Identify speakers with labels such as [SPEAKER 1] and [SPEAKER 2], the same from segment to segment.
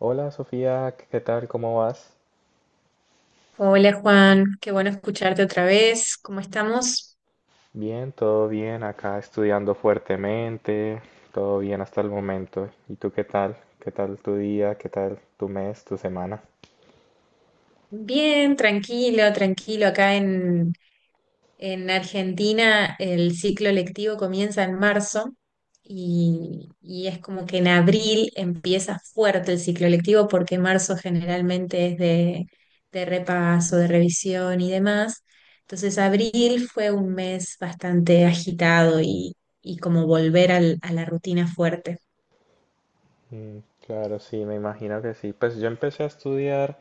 [SPEAKER 1] Hola Sofía, ¿qué tal? ¿Cómo vas?
[SPEAKER 2] Hola Juan, qué bueno escucharte otra vez. ¿Cómo estamos?
[SPEAKER 1] Bien, todo bien, acá estudiando fuertemente, todo bien hasta el momento. ¿Y tú qué tal? ¿Qué tal tu día? ¿Qué tal tu mes, tu semana?
[SPEAKER 2] Bien, tranquilo, tranquilo. En Argentina el ciclo lectivo comienza en marzo y es como que en abril empieza fuerte el ciclo lectivo porque marzo generalmente es de repaso, de revisión y demás. Entonces abril fue un mes bastante agitado y como volver a la rutina fuerte.
[SPEAKER 1] Mm, claro, sí, me imagino que sí. Pues yo empecé a estudiar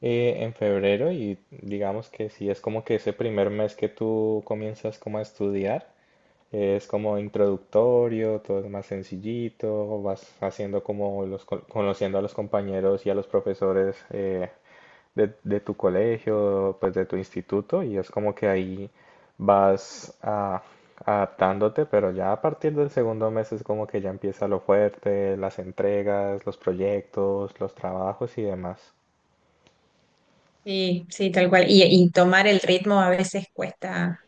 [SPEAKER 1] en febrero y digamos que sí, es como que ese primer mes que tú comienzas como a estudiar, es como introductorio, todo es más sencillito, vas haciendo como conociendo a los compañeros y a los profesores, de tu colegio, pues de tu instituto, y es como que ahí vas adaptándote, pero ya a partir del segundo mes es como que ya empieza lo fuerte, las entregas, los proyectos, los trabajos y demás.
[SPEAKER 2] Sí, sí, tal cual. Y tomar el ritmo a veces cuesta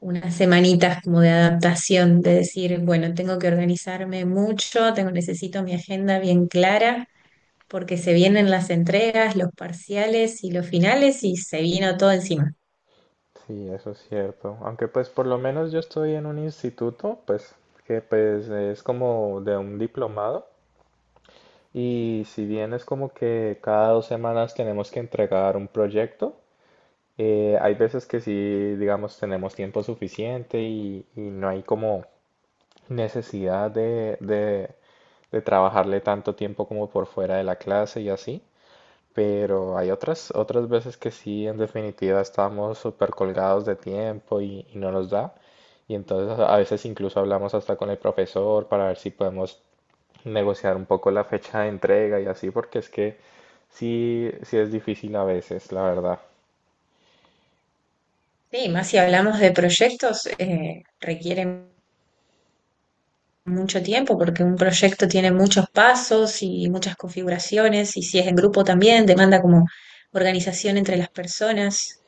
[SPEAKER 2] unas semanitas como de adaptación, de decir, bueno, tengo que organizarme mucho, necesito mi agenda bien clara, porque se vienen las entregas, los parciales y los finales y se vino todo encima.
[SPEAKER 1] Sí, eso es cierto. Aunque pues por lo menos yo estoy en un instituto, pues que pues es como de un diplomado. Y si bien es como que cada 2 semanas tenemos que entregar un proyecto, eh, hay veces que sí, digamos, tenemos tiempo suficiente y no hay como necesidad de trabajarle tanto tiempo como por fuera de la clase y así, pero hay otras veces que sí, en definitiva, estamos súper colgados de tiempo y no nos da. Y entonces a veces incluso hablamos hasta con el profesor para ver si podemos negociar un poco la fecha de entrega y así, porque es que sí, sí es difícil a veces, la verdad.
[SPEAKER 2] Sí, más si hablamos de proyectos, requieren mucho tiempo porque un proyecto tiene muchos pasos y muchas configuraciones y si es en grupo también demanda como organización entre las personas.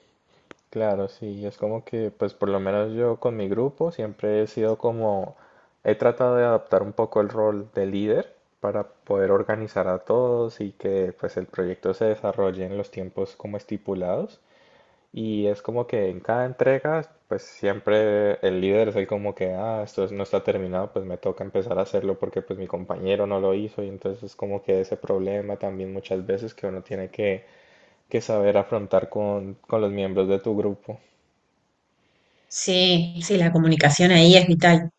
[SPEAKER 1] Claro, sí, es como que, pues por lo menos yo con mi grupo siempre he sido como, he tratado de adaptar un poco el rol de líder para poder organizar a todos y que pues el proyecto se desarrolle en los tiempos como estipulados. Y es como que en cada entrega, pues siempre el líder es el como que, ah, no está terminado, pues me toca empezar a hacerlo porque pues mi compañero no lo hizo y entonces es como que ese problema también muchas veces que uno tiene que saber afrontar con los miembros de tu grupo.
[SPEAKER 2] Sí, sí, la comunicación ahí es vital.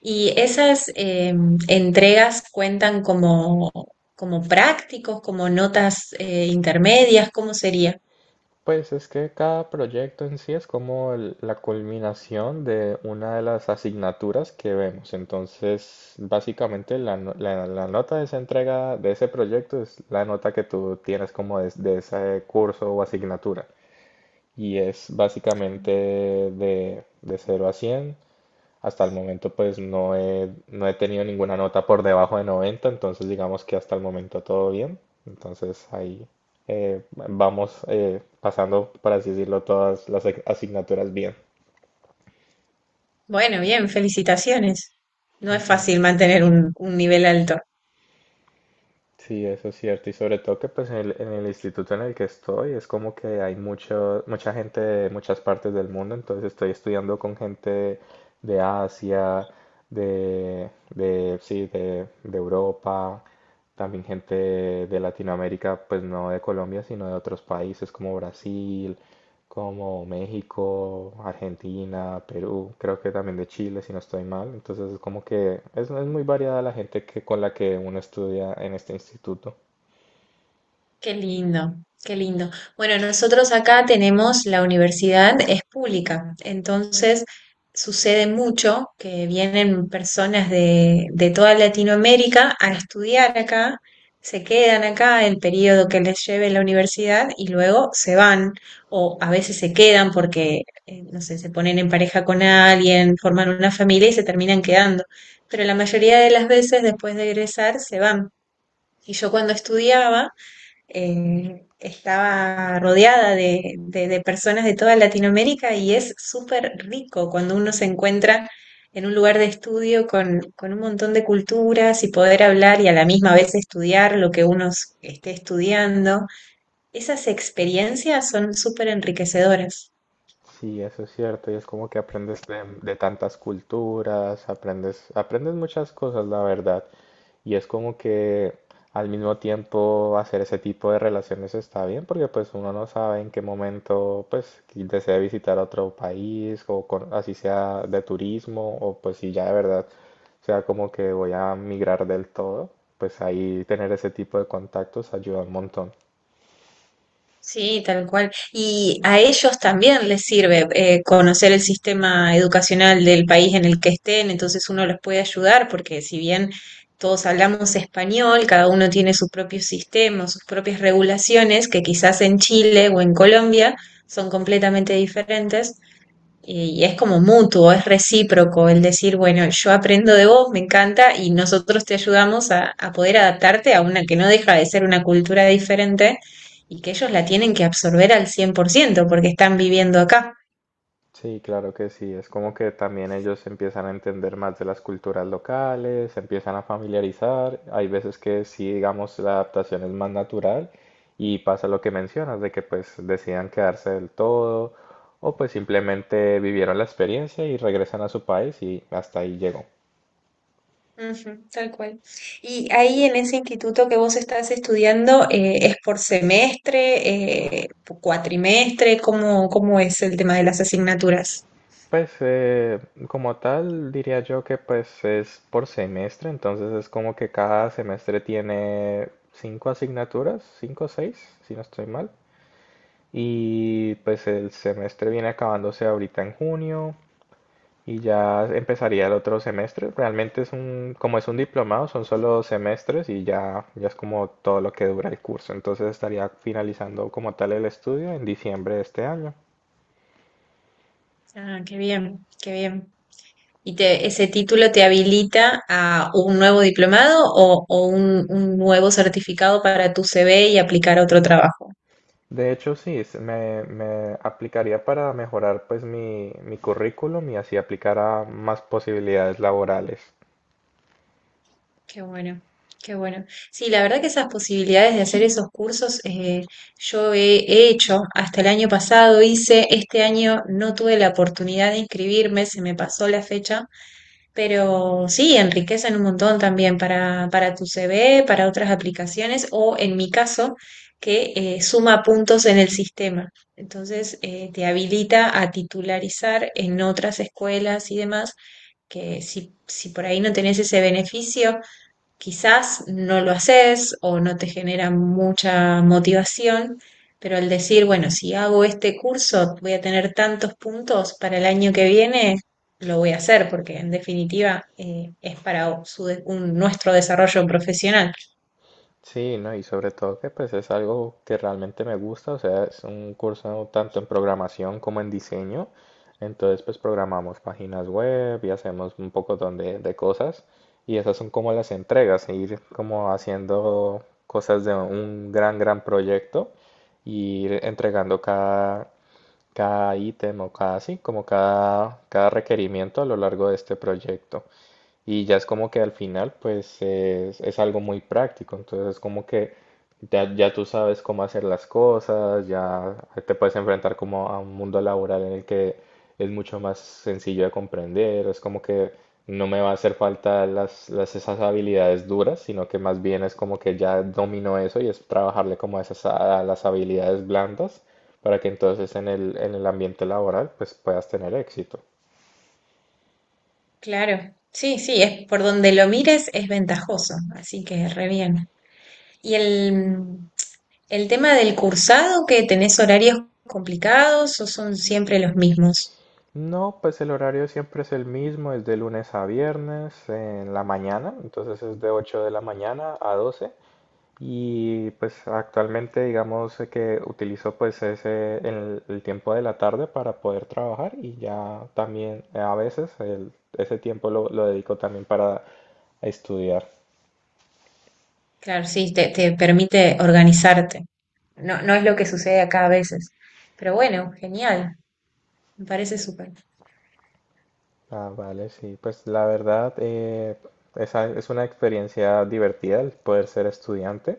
[SPEAKER 2] ¿Y esas entregas cuentan como, como prácticos, como notas intermedias? ¿Cómo sería?
[SPEAKER 1] Pues es que cada proyecto en sí es como la culminación de una de las asignaturas que vemos. Entonces, básicamente la, no- la- la nota de esa entrega de ese proyecto es la nota que tú tienes como de ese curso o asignatura. Y es básicamente de 0 a 100. Hasta el momento pues no he tenido ninguna nota por debajo de 90, entonces digamos que hasta el momento todo bien. Entonces ahí vamos pasando, por así decirlo, todas las asignaturas bien.
[SPEAKER 2] Bueno, bien, felicitaciones. No es fácil mantener un nivel alto.
[SPEAKER 1] Sí, eso es cierto. Y sobre todo que pues en en el instituto en el que estoy es como que hay mucho, mucha gente de muchas partes del mundo, entonces estoy estudiando con gente de Asia, de Europa, también gente de Latinoamérica, pues no de Colombia, sino de otros países como Brasil, como México, Argentina, Perú, creo que también de Chile, si no estoy mal. Entonces es como que es muy variada la gente que, con la que uno estudia en este instituto.
[SPEAKER 2] Qué lindo, qué lindo. Bueno, nosotros acá tenemos la universidad, es pública, entonces sucede mucho que vienen personas de toda Latinoamérica a estudiar acá, se quedan acá el periodo que les lleve la universidad y luego se van, o a veces se quedan porque, no sé, se ponen en pareja con alguien, forman una familia y se terminan quedando. Pero la mayoría de las veces después de egresar se van. Y yo cuando estudiaba estaba rodeada de, de personas de toda Latinoamérica y es súper rico cuando uno se encuentra en un lugar de estudio con un montón de culturas y poder hablar y a la misma vez estudiar lo que esté estudiando. Esas experiencias son súper enriquecedoras.
[SPEAKER 1] Sí, eso es cierto, y es como que aprendes de tantas culturas, aprendes muchas cosas, la verdad, y es como que al mismo tiempo hacer ese tipo de relaciones está bien, porque pues uno no sabe en qué momento pues que desea visitar otro país, o así sea de turismo, o pues si ya de verdad sea como que voy a migrar del todo, pues ahí tener ese tipo de contactos ayuda un montón.
[SPEAKER 2] Sí, tal cual. Y a ellos también les sirve conocer el sistema educacional del país en el que estén, entonces uno los puede ayudar porque si bien todos hablamos español, cada uno tiene su propio sistema, sus propias regulaciones, que quizás en Chile o en Colombia son completamente diferentes, y es como mutuo, es recíproco el decir, bueno, yo aprendo de vos, me encanta, y nosotros te ayudamos a poder adaptarte a una que no deja de ser una cultura diferente y que ellos la tienen que absorber al cien por ciento porque están viviendo acá.
[SPEAKER 1] Sí, claro que sí. Es como que también ellos empiezan a entender más de las culturas locales, se empiezan a familiarizar. Hay veces que sí, digamos, la adaptación es más natural y pasa lo que mencionas, de que pues decidan quedarse del todo o pues simplemente vivieron la experiencia y regresan a su país y hasta ahí llegó.
[SPEAKER 2] Ujú, tal cual. Y ahí en ese instituto que vos estás estudiando, ¿es por semestre, por cuatrimestre? ¿Cómo, cómo es el tema de las asignaturas?
[SPEAKER 1] Pues como tal diría yo que pues es por semestre, entonces es como que cada semestre tiene cinco asignaturas, cinco o seis, si no estoy mal. Y pues el semestre viene acabándose ahorita en junio y ya empezaría el otro semestre. Realmente es un, como es un diplomado, son solo 2 semestres y ya, ya es como todo lo que dura el curso. Entonces estaría finalizando como tal el estudio en diciembre de este año.
[SPEAKER 2] Ah, qué bien, qué bien. ¿Y te, ese título te habilita a un nuevo diplomado o un nuevo certificado para tu CV y aplicar a otro trabajo?
[SPEAKER 1] De hecho, sí, me aplicaría para mejorar pues mi currículum y así aplicar a más posibilidades laborales.
[SPEAKER 2] Qué bueno, qué bueno. Sí, la verdad que esas posibilidades de hacer esos cursos he hecho. Hasta el año pasado hice, este año no tuve la oportunidad de inscribirme, se me pasó la fecha. Pero sí, enriquecen un montón también para tu CV, para otras aplicaciones o en mi caso, que suma puntos en el sistema. Entonces, te habilita a titularizar en otras escuelas y demás, que si por ahí no tenés ese beneficio, quizás no lo haces o no te genera mucha motivación, pero al decir, bueno, si hago este curso voy a tener tantos puntos para el año que viene, lo voy a hacer porque en definitiva es para nuestro desarrollo profesional.
[SPEAKER 1] Sí, ¿no? Y sobre todo que pues es algo que realmente me gusta, o sea, es un curso tanto en programación como en diseño. Entonces pues programamos páginas web y hacemos un pocotón de cosas y esas son como las entregas, ir como haciendo cosas de un gran, gran proyecto y ir entregando cada, cada ítem o cada, sí, como cada requerimiento a lo largo de este proyecto. Y ya es como que al final, pues es algo muy práctico. Entonces es como que ya tú sabes cómo hacer las cosas, ya te puedes enfrentar como a un mundo laboral en el que es mucho más sencillo de comprender. Es como que no me va a hacer falta esas habilidades duras, sino que más bien es como que ya domino eso y es trabajarle como a esas, a las habilidades blandas para que entonces en en el ambiente laboral pues puedas tener éxito.
[SPEAKER 2] Claro, sí, sí, es por donde lo mires es ventajoso, así que re bien. ¿Y el tema del cursado, que tenés horarios complicados o son siempre los mismos?
[SPEAKER 1] No, pues el horario siempre es el mismo, es de lunes a viernes en la mañana, entonces es de 8 de la mañana a 12 y pues actualmente digamos que utilizo pues el tiempo de la tarde para poder trabajar y ya también a veces ese tiempo lo dedico también para estudiar.
[SPEAKER 2] Claro, sí, te permite organizarte. No, no es lo que sucede acá a veces. Pero bueno, genial. Me parece súper.
[SPEAKER 1] Ah, vale, sí, pues la verdad esa es una experiencia divertida el poder ser estudiante,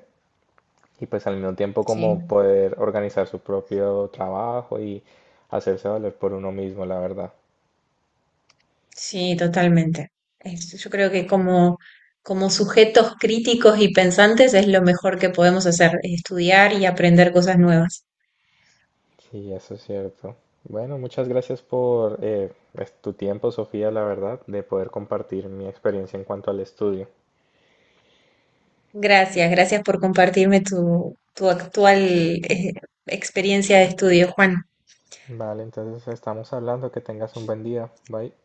[SPEAKER 1] y pues al mismo tiempo como
[SPEAKER 2] Sí,
[SPEAKER 1] poder organizar su propio trabajo y hacerse valer por uno mismo, la verdad.
[SPEAKER 2] sí, totalmente. Es- yo creo que como, como sujetos críticos y pensantes es lo mejor que podemos hacer, estudiar y aprender cosas nuevas.
[SPEAKER 1] Sí, eso es cierto. Bueno, muchas gracias por tu tiempo, Sofía, la verdad, de poder compartir mi experiencia en cuanto al estudio.
[SPEAKER 2] Gracias, gracias por compartirme tu, tu actual, experiencia de estudio, Juan.
[SPEAKER 1] Vale, entonces estamos hablando, que tengas un buen día. Bye.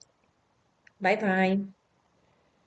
[SPEAKER 2] Bye bye.